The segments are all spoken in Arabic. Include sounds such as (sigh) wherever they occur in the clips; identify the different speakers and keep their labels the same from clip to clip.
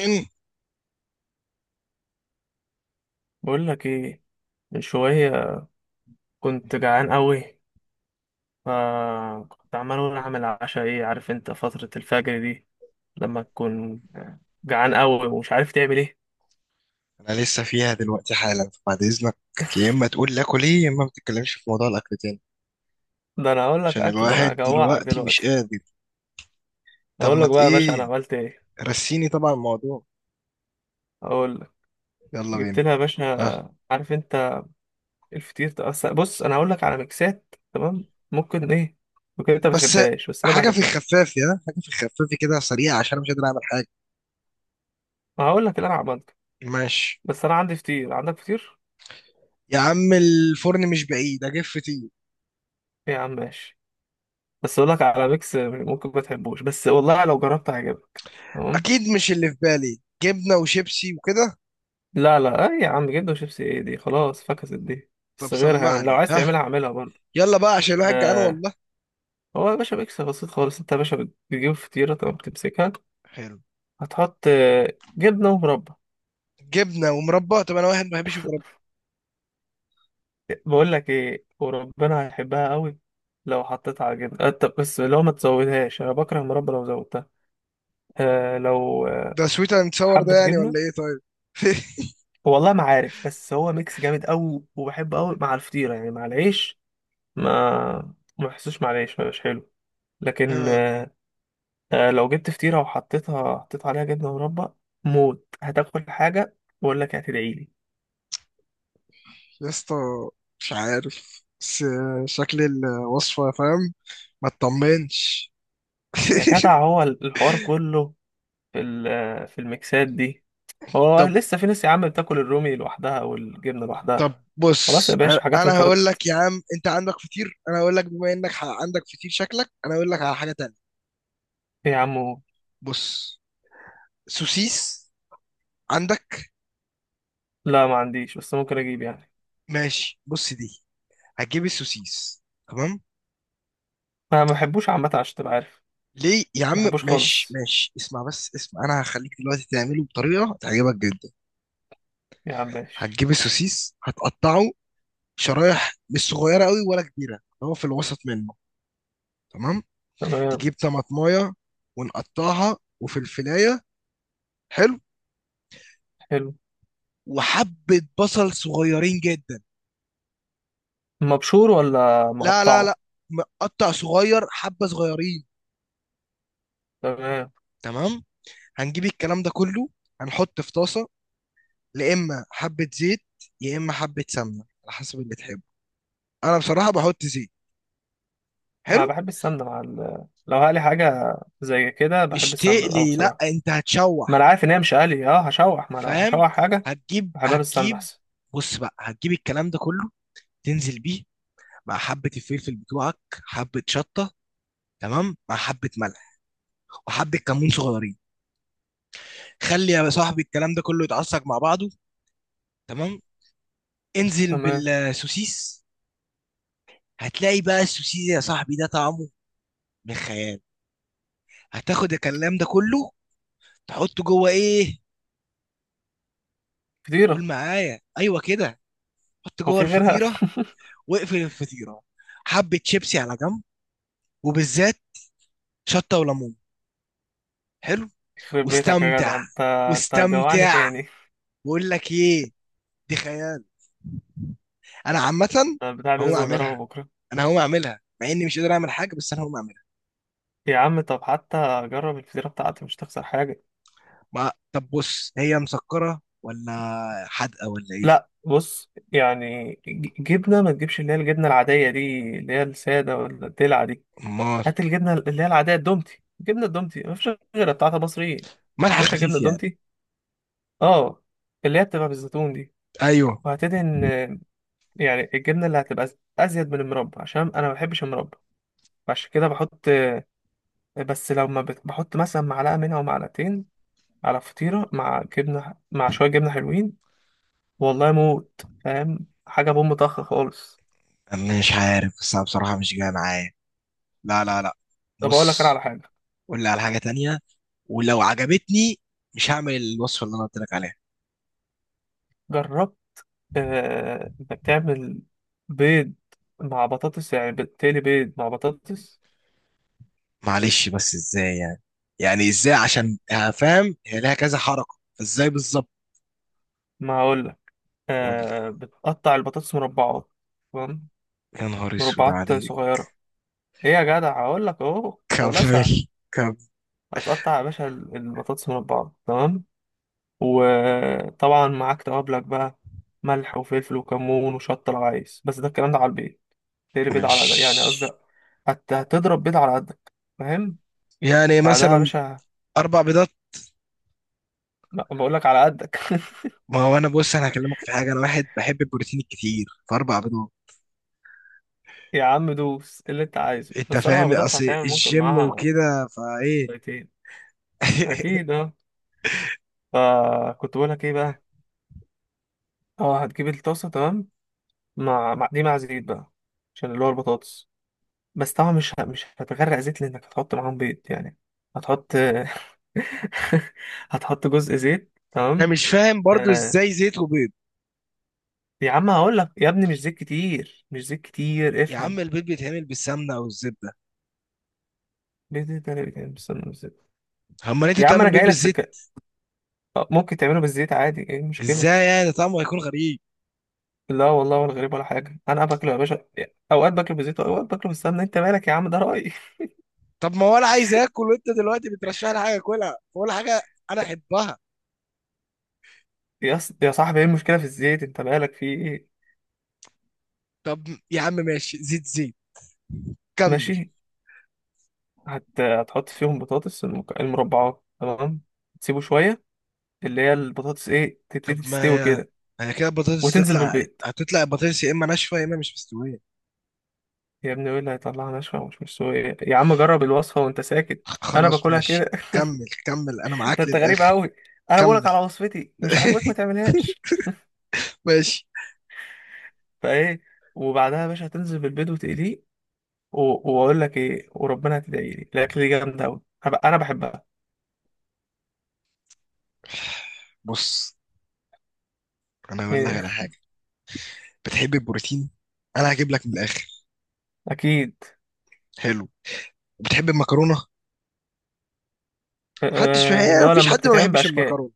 Speaker 1: إن
Speaker 2: بقول لك ايه. من شويه كنت جعان قوي، فكنت عمال اقول اعمل عشاء ايه؟ عارف انت فتره الفجر دي لما تكون جعان قوي ومش عارف تعمل ايه.
Speaker 1: انا لسه فيها دلوقتي حالا، فبعد اذنك يا اما تقول لاكل ايه يا اما ما تتكلمش في موضوع الاكل تاني.
Speaker 2: ده انا اقول لك
Speaker 1: عشان
Speaker 2: اكل؟ ده انا
Speaker 1: الواحد
Speaker 2: هجوعك
Speaker 1: دلوقتي مش
Speaker 2: دلوقتي.
Speaker 1: قادر. طب
Speaker 2: اقول
Speaker 1: ما
Speaker 2: لك
Speaker 1: ت-
Speaker 2: بقى يا باشا انا
Speaker 1: ايه
Speaker 2: عملت ايه.
Speaker 1: رسيني طبعا الموضوع.
Speaker 2: اقول لك،
Speaker 1: يلا
Speaker 2: جبت
Speaker 1: بينا.
Speaker 2: لها يا باشا،
Speaker 1: اه
Speaker 2: عارف انت الفطير ده. أصل بص، انا هقول لك على ميكسات، تمام؟ ممكن ايه، ممكن انت ما
Speaker 1: بس
Speaker 2: بتحبهاش بس انا
Speaker 1: حاجه في
Speaker 2: بحبها.
Speaker 1: الخفاف، يا حاجه في الخفاف كده سريعه، عشان انا مش قادر اعمل حاجه.
Speaker 2: هقول لك اللي انا عملته.
Speaker 1: ماشي.
Speaker 2: بس انا عندي فطير، عندك فطير؟
Speaker 1: يا عم الفرن مش بعيد، اجيب فطير.
Speaker 2: إيه يا عم، ماشي. بس اقول لك على ميكس، ممكن ما تحبوش بس والله لو جربت هيعجبك. تمام.
Speaker 1: اكيد مش اللي في بالي جبنه وشيبسي وكده.
Speaker 2: لا، لا، اي يا عم، جدا، وشيبسي ايه دي؟ خلاص فكست دي.
Speaker 1: طب
Speaker 2: بس غيرها يعني، لو
Speaker 1: سمعني
Speaker 2: عايز
Speaker 1: ها.
Speaker 2: تعملها اعملها برضه.
Speaker 1: يلا بقى عشان الواحد جعان
Speaker 2: آه.
Speaker 1: والله.
Speaker 2: هو يا باشا ميكس بسيط خالص. انت يا باشا بتجيب فطيره، تمام، بتمسكها،
Speaker 1: حلو.
Speaker 2: هتحط جبنه ومربى.
Speaker 1: جبنه ومربى؟ طب انا واحد ما بحبش المربى.
Speaker 2: بقول لك ايه، وربنا هيحبها قوي. لو حطيت على جبنه طب بس لو ما تزودهاش، انا بكره المربى لو زودتها. لو
Speaker 1: ده سويت اند ساور ده
Speaker 2: حبه
Speaker 1: يعني
Speaker 2: جبنه.
Speaker 1: ولا ايه؟ طيب. (laughs)
Speaker 2: والله ما عارف، بس هو ميكس جامد قوي وبحبه قوي مع الفطيره، يعني مع العيش ما ما حسوش، معلش، ما مش حلو. لكن
Speaker 1: آه،
Speaker 2: لو جبت فطيرة وحطيتها، حطيت عليها جبنة مربى، موت، هتاكل حاجة بقول لك هتدعي لي.
Speaker 1: يا اسطى. مش عارف، بس شكل الوصفة فاهم. ما تطمنش. (laughs)
Speaker 2: يا جدع هو الحوار كله في في الميكسات دي. هو
Speaker 1: طب
Speaker 2: لسه في ناس يا عم بتاكل الرومي لوحدها او الجبنة
Speaker 1: طب
Speaker 2: لوحدها؟ خلاص يا
Speaker 1: بص،
Speaker 2: باشا، حاجات
Speaker 1: انا هقول
Speaker 2: انقرضت.
Speaker 1: لك يا عم. انت عندك فطير، انا هقول لك. بما انك عندك فطير شكلك، انا هقول لك على حاجة تانية.
Speaker 2: إيه يا عم؟
Speaker 1: بص، سوسيس عندك؟
Speaker 2: لا ما عنديش، بس ممكن اجيب يعني.
Speaker 1: ماشي. بص دي، هتجيب السوسيس. تمام.
Speaker 2: ما بحبوش عامة، عشان تبقى عارف.
Speaker 1: ليه يا
Speaker 2: ما
Speaker 1: عم؟
Speaker 2: بحبوش
Speaker 1: ماشي
Speaker 2: خالص،
Speaker 1: ماشي اسمع بس اسمع، انا هخليك دلوقتي تعمله بطريقة تعجبك جدا.
Speaker 2: يا عم ماشي.
Speaker 1: هتجيب السوسيس، هتقطعه شرايح، مش صغيره قوي ولا كبيره، اللي هو في الوسط منه. تمام.
Speaker 2: تمام.
Speaker 1: تجيب طماطمايه ونقطعها، وفلفلايه. حلو.
Speaker 2: حلو.
Speaker 1: وحبه بصل صغيرين جدا.
Speaker 2: مبشور ولا
Speaker 1: لا لا
Speaker 2: مقطعه؟
Speaker 1: لا مقطع صغير، حبه صغيرين.
Speaker 2: تمام.
Speaker 1: تمام. هنجيب الكلام ده كله، هنحط في طاسه، لا اما حبه زيت يا اما حبه سمنه، على حسب اللي تحبه. انا بصراحه بحط زيت.
Speaker 2: انا
Speaker 1: حلو.
Speaker 2: بحب السمنه مع لو هقلي حاجه زي كده بحب
Speaker 1: مش
Speaker 2: السمنه قوي
Speaker 1: تقلي، لا،
Speaker 2: بصراحه.
Speaker 1: انت
Speaker 2: ما انا
Speaker 1: هتشوح.
Speaker 2: عارف ان هي مش قلي، اه هشوح، ما لو
Speaker 1: فاهم؟
Speaker 2: هشوح حاجه
Speaker 1: هتجيب
Speaker 2: بحبها بالسمنه
Speaker 1: هتجيب
Speaker 2: احسن.
Speaker 1: بص بقى، هتجيب الكلام ده كله، تنزل بيه مع حبة الفلفل بتوعك، حبة شطة، تمام، مع حبة ملح وحبة كمون صغيرين. خلي يا صاحبي الكلام ده كله يتعصج مع بعضه. تمام. انزل
Speaker 2: تمام.
Speaker 1: بالسوسيس. هتلاقي بقى السوسيس يا صاحبي ده طعمه من خيال. هتاخد الكلام ده كله، تحطه جوه ايه؟ قول
Speaker 2: فطيره.
Speaker 1: معايا، ايوه كده. حط
Speaker 2: هو
Speaker 1: جوه
Speaker 2: في غيرها؟
Speaker 1: الفطيرة واقفل الفطيرة. حبة شيبسي على جنب، وبالذات شطة وليمون. حلو.
Speaker 2: (laughs) يخرب بيتك يا
Speaker 1: واستمتع،
Speaker 2: جدع، انت هتجوعني
Speaker 1: واستمتع.
Speaker 2: تاني.
Speaker 1: بقول لك ايه، دي خيال. انا عامه
Speaker 2: أنا البتاع دي
Speaker 1: هقوم
Speaker 2: لازم اجربها
Speaker 1: اعملها،
Speaker 2: بكره.
Speaker 1: انا هقوم اعملها مع اني مش قادر اعمل حاجه، بس انا هقوم اعملها.
Speaker 2: يا عم طب حتى جرب الفطيره بتاعتي، مش تخسر حاجه.
Speaker 1: ما طب بص، هي مسكره ولا حادقه ولا
Speaker 2: لا
Speaker 1: ايه؟
Speaker 2: بص يعني، جبنه، ما تجيبش اللي هي الجبنه العاديه دي اللي هي الساده، ولا الدلع دي.
Speaker 1: امال.
Speaker 2: هات الجبنه اللي هي العاديه الدومتي، جبنه الدومتي، مفيش غيرها بتاعت مصريين يا
Speaker 1: ملح
Speaker 2: باشا، جبنه
Speaker 1: خفيف يعني.
Speaker 2: دومتي، اه، اللي هي بتبقى بالزيتون دي.
Speaker 1: ايوه.
Speaker 2: وهتدهن يعني الجبنه اللي هتبقى ازيد من المربى، عشان انا ما بحبش المربى، فعشان كده بحط بس لو ما بت- بحط مثلا معلقه منها ومعلقتين على فطيره مع جبنه، مع شويه جبنه حلوين، والله موت، فاهم حاجه بوم طخ خالص.
Speaker 1: أنا مش عارف، بس انا بصراحه مش جايه معايا. لا لا لا،
Speaker 2: طب اقول لك انا على
Speaker 1: بص.
Speaker 2: حاجه،
Speaker 1: قول لي على حاجه تانية، ولو عجبتني مش هعمل الوصفه اللي انا قلت لك عليها.
Speaker 2: جربت انك تعمل بيض مع بطاطس؟ يعني بتقلي بيض مع بطاطس.
Speaker 1: معلش، بس ازاي يعني؟ يعني ازاي؟ عشان فاهم هي لها كذا حركه، فازاي بالظبط؟
Speaker 2: ما هقول لك.
Speaker 1: قول لي.
Speaker 2: آه، بتقطع البطاطس مربعات، تمام،
Speaker 1: يا نهار اسود
Speaker 2: مربعات
Speaker 1: عليك.
Speaker 2: صغيره. ايه يا جدع؟ هقول لك اهو والله سهل.
Speaker 1: كمل كمل.
Speaker 2: هتقطع يا باشا البطاطس مربعات، تمام. وطبعا معاك توابلك بقى، ملح وفلفل وكمون وشطه لو عايز. بس ده الكلام ده على البيض. تقلي بيض على يعني قصدي،
Speaker 1: ماشي.
Speaker 2: هتضرب بيض على قدك، فاهم؟
Speaker 1: يعني
Speaker 2: بعدها يا
Speaker 1: مثلا
Speaker 2: باشا،
Speaker 1: اربع بيضات.
Speaker 2: بقول لك على قدك. (laughs)
Speaker 1: ما هو انا بص، انا هكلمك في حاجه، انا واحد بحب البروتين الكتير، فاربع بيضات.
Speaker 2: يا عم دوس، إيه اللي انت عايزه؟
Speaker 1: انت
Speaker 2: بس اربع
Speaker 1: فاهم
Speaker 2: بيضات
Speaker 1: اصل
Speaker 2: هتعمل، ممكن
Speaker 1: الجيم
Speaker 2: معاها
Speaker 1: وكده فايه.
Speaker 2: بيضتين.
Speaker 1: (laughs)
Speaker 2: اكيد اه. فكنت بقولك ايه بقى؟ اه، هتجيب الطاسه، تمام، دي مع زيت بقى، عشان اللي هو البطاطس. بس طبعا مش هتغرق زيت، لانك هتحط معاهم بيض يعني. هتحط (laughs) هتحط جزء زيت،
Speaker 1: انا
Speaker 2: تمام.
Speaker 1: مش فاهم برضو،
Speaker 2: آه.
Speaker 1: ازاي زيت وبيض؟
Speaker 2: يا عم هقول لك يا ابني، مش زيت كتير، مش زيت كتير،
Speaker 1: يا عم
Speaker 2: افهم.
Speaker 1: البيض بيتعمل بالسمنه او الزبده،
Speaker 2: بيض ده- ده- ده- استنى،
Speaker 1: اما انت
Speaker 2: يا عم
Speaker 1: بتعمل
Speaker 2: انا
Speaker 1: بيض
Speaker 2: جاي لك في
Speaker 1: بالزيت؟
Speaker 2: آه، ممكن تعمله بالزيت عادي، ايه المشكله؟
Speaker 1: ازاي يعني؟ طعمه هيكون غريب.
Speaker 2: لا والله، ولا غريب ولا حاجة، أنا باكله يا باشا. أوقات باكله بالزيت وأوقات باكله بالسمنة. أنت مالك يا عم، ده رأيي. (laughs)
Speaker 1: طب ما هو انا عايز اكل، وانت دلوقتي بترشح لي حاجه اكلها ولا حاجه انا احبها؟
Speaker 2: يا صاحبي، إيه المشكلة في الزيت؟ أنت مالك في إيه؟
Speaker 1: طب يا عم ماشي، زيت زيت. كمل.
Speaker 2: ماشي. هتحط فيهم بطاطس المربعات، تمام. تسيبه شوية، اللي هي البطاطس، إيه، تبتدي
Speaker 1: طب
Speaker 2: تستوي
Speaker 1: ما
Speaker 2: كده،
Speaker 1: هي كده البطاطس
Speaker 2: وتنزل
Speaker 1: تطلع.
Speaker 2: بالبيض.
Speaker 1: هتطلع البطاطس يا اما ناشفه يا اما مش مستويه.
Speaker 2: يا ابني وإيه اللي هيطلعها ناشفة ومش مستوية؟ يا عم جرب الوصفة وأنت ساكت، أنا
Speaker 1: خلاص
Speaker 2: باكلها
Speaker 1: ماشي،
Speaker 2: كده. (laughs)
Speaker 1: كمل كمل، انا
Speaker 2: ده
Speaker 1: معاك
Speaker 2: أنت غريب
Speaker 1: للاخر.
Speaker 2: أوي، أنا بقولك
Speaker 1: كمل.
Speaker 2: على وصفتي، مش عاجبك ما
Speaker 1: (laughs)
Speaker 2: تعملهاش.
Speaker 1: ماشي.
Speaker 2: فإيه، وبعدها يا باشا هتنزل بالبيض وتقليه. واقول لك ايه، وربنا هتدعي لي، الاكل دي جامده قوي، انا بحبها.
Speaker 1: بص، انا هقول لك
Speaker 2: إيه.
Speaker 1: على حاجه. بتحب البروتين، انا هجيب لك من الاخر.
Speaker 2: اكيد.
Speaker 1: حلو. بتحب المكرونه؟ محدش،
Speaker 2: آه، اللي
Speaker 1: هي
Speaker 2: هو
Speaker 1: مفيش
Speaker 2: لما
Speaker 1: حد ما
Speaker 2: بتتعمل
Speaker 1: بيحبش
Speaker 2: باشكال.
Speaker 1: المكرونه.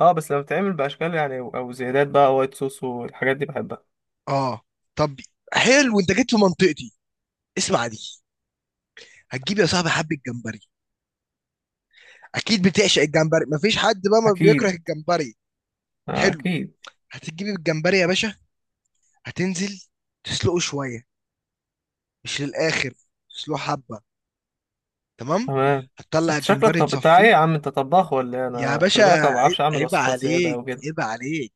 Speaker 2: اه، بس لما بتتعمل باشكال، يعني او زيادات بقى، وايت صوص والحاجات دي، بحبها.
Speaker 1: اه. طب. حلو، انت جيت في منطقتي. اسمع دي. هتجيب يا صاحبي حبه جمبري. اكيد بتعشق الجمبري، مفيش حد بقى ما بيكره
Speaker 2: اكيد.
Speaker 1: الجمبري.
Speaker 2: آه،
Speaker 1: حلو.
Speaker 2: اكيد.
Speaker 1: هتجيب الجمبري يا باشا، هتنزل تسلقه شوية، مش للآخر، تسلقه حبة. تمام.
Speaker 2: تمام.
Speaker 1: هتطلع
Speaker 2: انت شكلك
Speaker 1: الجمبري
Speaker 2: طب بتاع ايه
Speaker 1: تصفيه.
Speaker 2: يا عم؟ انت طباخ ولا إيه؟
Speaker 1: يا
Speaker 2: انا خلي
Speaker 1: باشا
Speaker 2: بالك، انا ما بعرفش اعمل
Speaker 1: عيب
Speaker 2: وصفات زياده
Speaker 1: عليك،
Speaker 2: وكده.
Speaker 1: عيب عليك.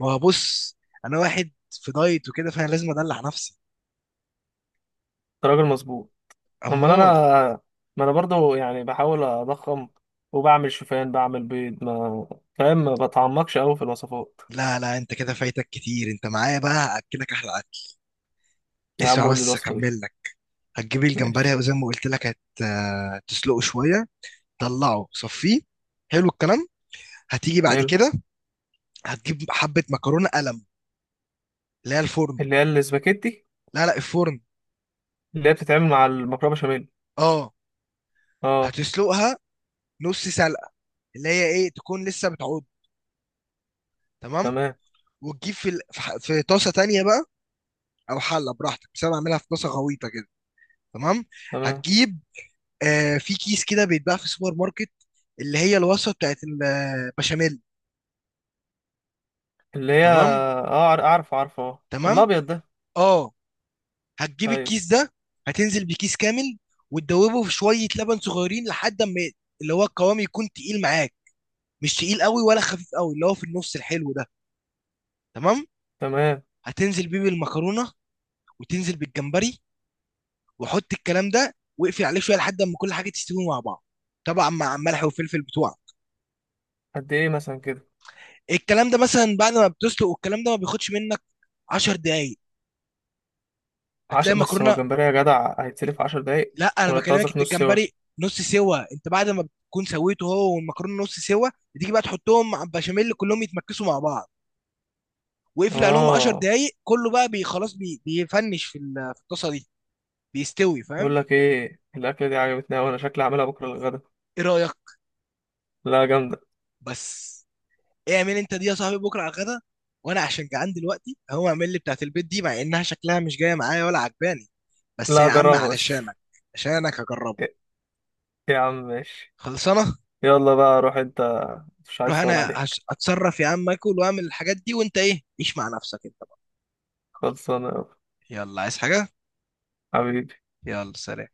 Speaker 1: ما هو بص، أنا واحد في دايت وكده، فأنا لازم أدلع نفسي.
Speaker 2: انت راجل مظبوط. امال انا،
Speaker 1: أمال.
Speaker 2: ما انا برضو يعني بحاول اضخم، وبعمل شوفان، بعمل بيض، ما فاهم، ما بتعمقش قوي في الوصفات.
Speaker 1: لا لا، أنت كده فايتك كتير، أنت معايا بقى هأكلك أحلى أكل.
Speaker 2: يا عم
Speaker 1: اسمع
Speaker 2: قول لي
Speaker 1: بس
Speaker 2: الوصفه دي.
Speaker 1: أكمل لك. هتجيب الجمبري،
Speaker 2: ماشي.
Speaker 1: وزي ما قلت لك، هت آه، تسلقه شوية. طلعه، صفيه. حلو الكلام. هتيجي بعد
Speaker 2: حلو.
Speaker 1: كده، هتجيب حبة مكرونة قلم، اللي هي الفرن.
Speaker 2: اللي هي الاسباجيتي.
Speaker 1: لا لا، الفرن.
Speaker 2: اللي هي بتتعمل مع المكرونه بشاميل؟
Speaker 1: اه.
Speaker 2: اه.
Speaker 1: هتسلقها نص سلقه، اللي هي ايه، تكون لسه بتعود. تمام.
Speaker 2: تمام.
Speaker 1: وتجيب في في طاسه تانية بقى، او حله براحتك، بس انا بعملها في طاسه غويطه كده. تمام.
Speaker 2: تمام.
Speaker 1: هتجيب في كيس كده بيتباع في السوبر ماركت، اللي هي الوصفه بتاعت البشاميل.
Speaker 2: اللي هي
Speaker 1: تمام
Speaker 2: اه اعرف، عارف، اه،
Speaker 1: تمام.
Speaker 2: الابيض ده.
Speaker 1: اه. هتجيب
Speaker 2: طيب.
Speaker 1: الكيس ده، هتنزل بكيس كامل، وتدوبه في شويه لبن صغيرين، لحد ما اللي هو القوام يكون تقيل معاك، مش تقيل قوي ولا خفيف قوي، اللي هو في النص الحلو ده. تمام.
Speaker 2: تمام.
Speaker 1: هتنزل بيه بالمكرونه، وتنزل بالجمبري، وحط الكلام ده واقفل عليه شويه، لحد اما كل حاجه تستوي مع بعض، طبعا مع ملح وفلفل بتوعك.
Speaker 2: قد ايه مثلا كده؟
Speaker 1: الكلام ده مثلا بعد ما بتسلق، والكلام ده ما بياخدش منك 10 دقايق، هتلاقي
Speaker 2: عشر؟ بس هو
Speaker 1: المكرونه.
Speaker 2: الجمبري يا جدع هيتسلف 10 دقايق؟
Speaker 1: لا، انا
Speaker 2: ولا انت
Speaker 1: بكلمك
Speaker 2: قصدك
Speaker 1: انت
Speaker 2: نص سوا؟
Speaker 1: الجمبري نص سوا، انت بعد ما بتكون سويته هو والمكرونه نص سوا، بتيجي بقى تحطهم مع البشاميل، كلهم يتمكسوا مع بعض، واقفل عليهم 10
Speaker 2: اه.
Speaker 1: دقايق، كله بقى بي بيفنش في في الطاسه دي، بيستوي.
Speaker 2: بقول
Speaker 1: فاهم؟
Speaker 2: لك ايه، الاكله دي عجبتني، وانا شكلي هعملها بكره للغدا.
Speaker 1: ايه رايك؟
Speaker 2: لا جامده.
Speaker 1: بس اعمل انت دي يا صاحبي بكره على الغدا، وانا عشان جعان دلوقتي هو، اعمل لي بتاعت البيت دي مع انها شكلها مش جايه معايا ولا عجباني، بس
Speaker 2: لا
Speaker 1: يا عم
Speaker 2: اجربها بس.
Speaker 1: علشانك. عشانك
Speaker 2: (laughs)
Speaker 1: هجربها.
Speaker 2: يا يا عم ماشي.
Speaker 1: خلصانه.
Speaker 2: يلا بقى روح انت، مش
Speaker 1: روح،
Speaker 2: عايز اطول
Speaker 1: انا
Speaker 2: عليك.
Speaker 1: اتصرف. يا عم اكل واعمل الحاجات دي، وانت ايه عيش مع نفسك انت بقى.
Speaker 2: خلصانه يا
Speaker 1: يلا عايز حاجه؟
Speaker 2: حبيبي.
Speaker 1: يلا سلام.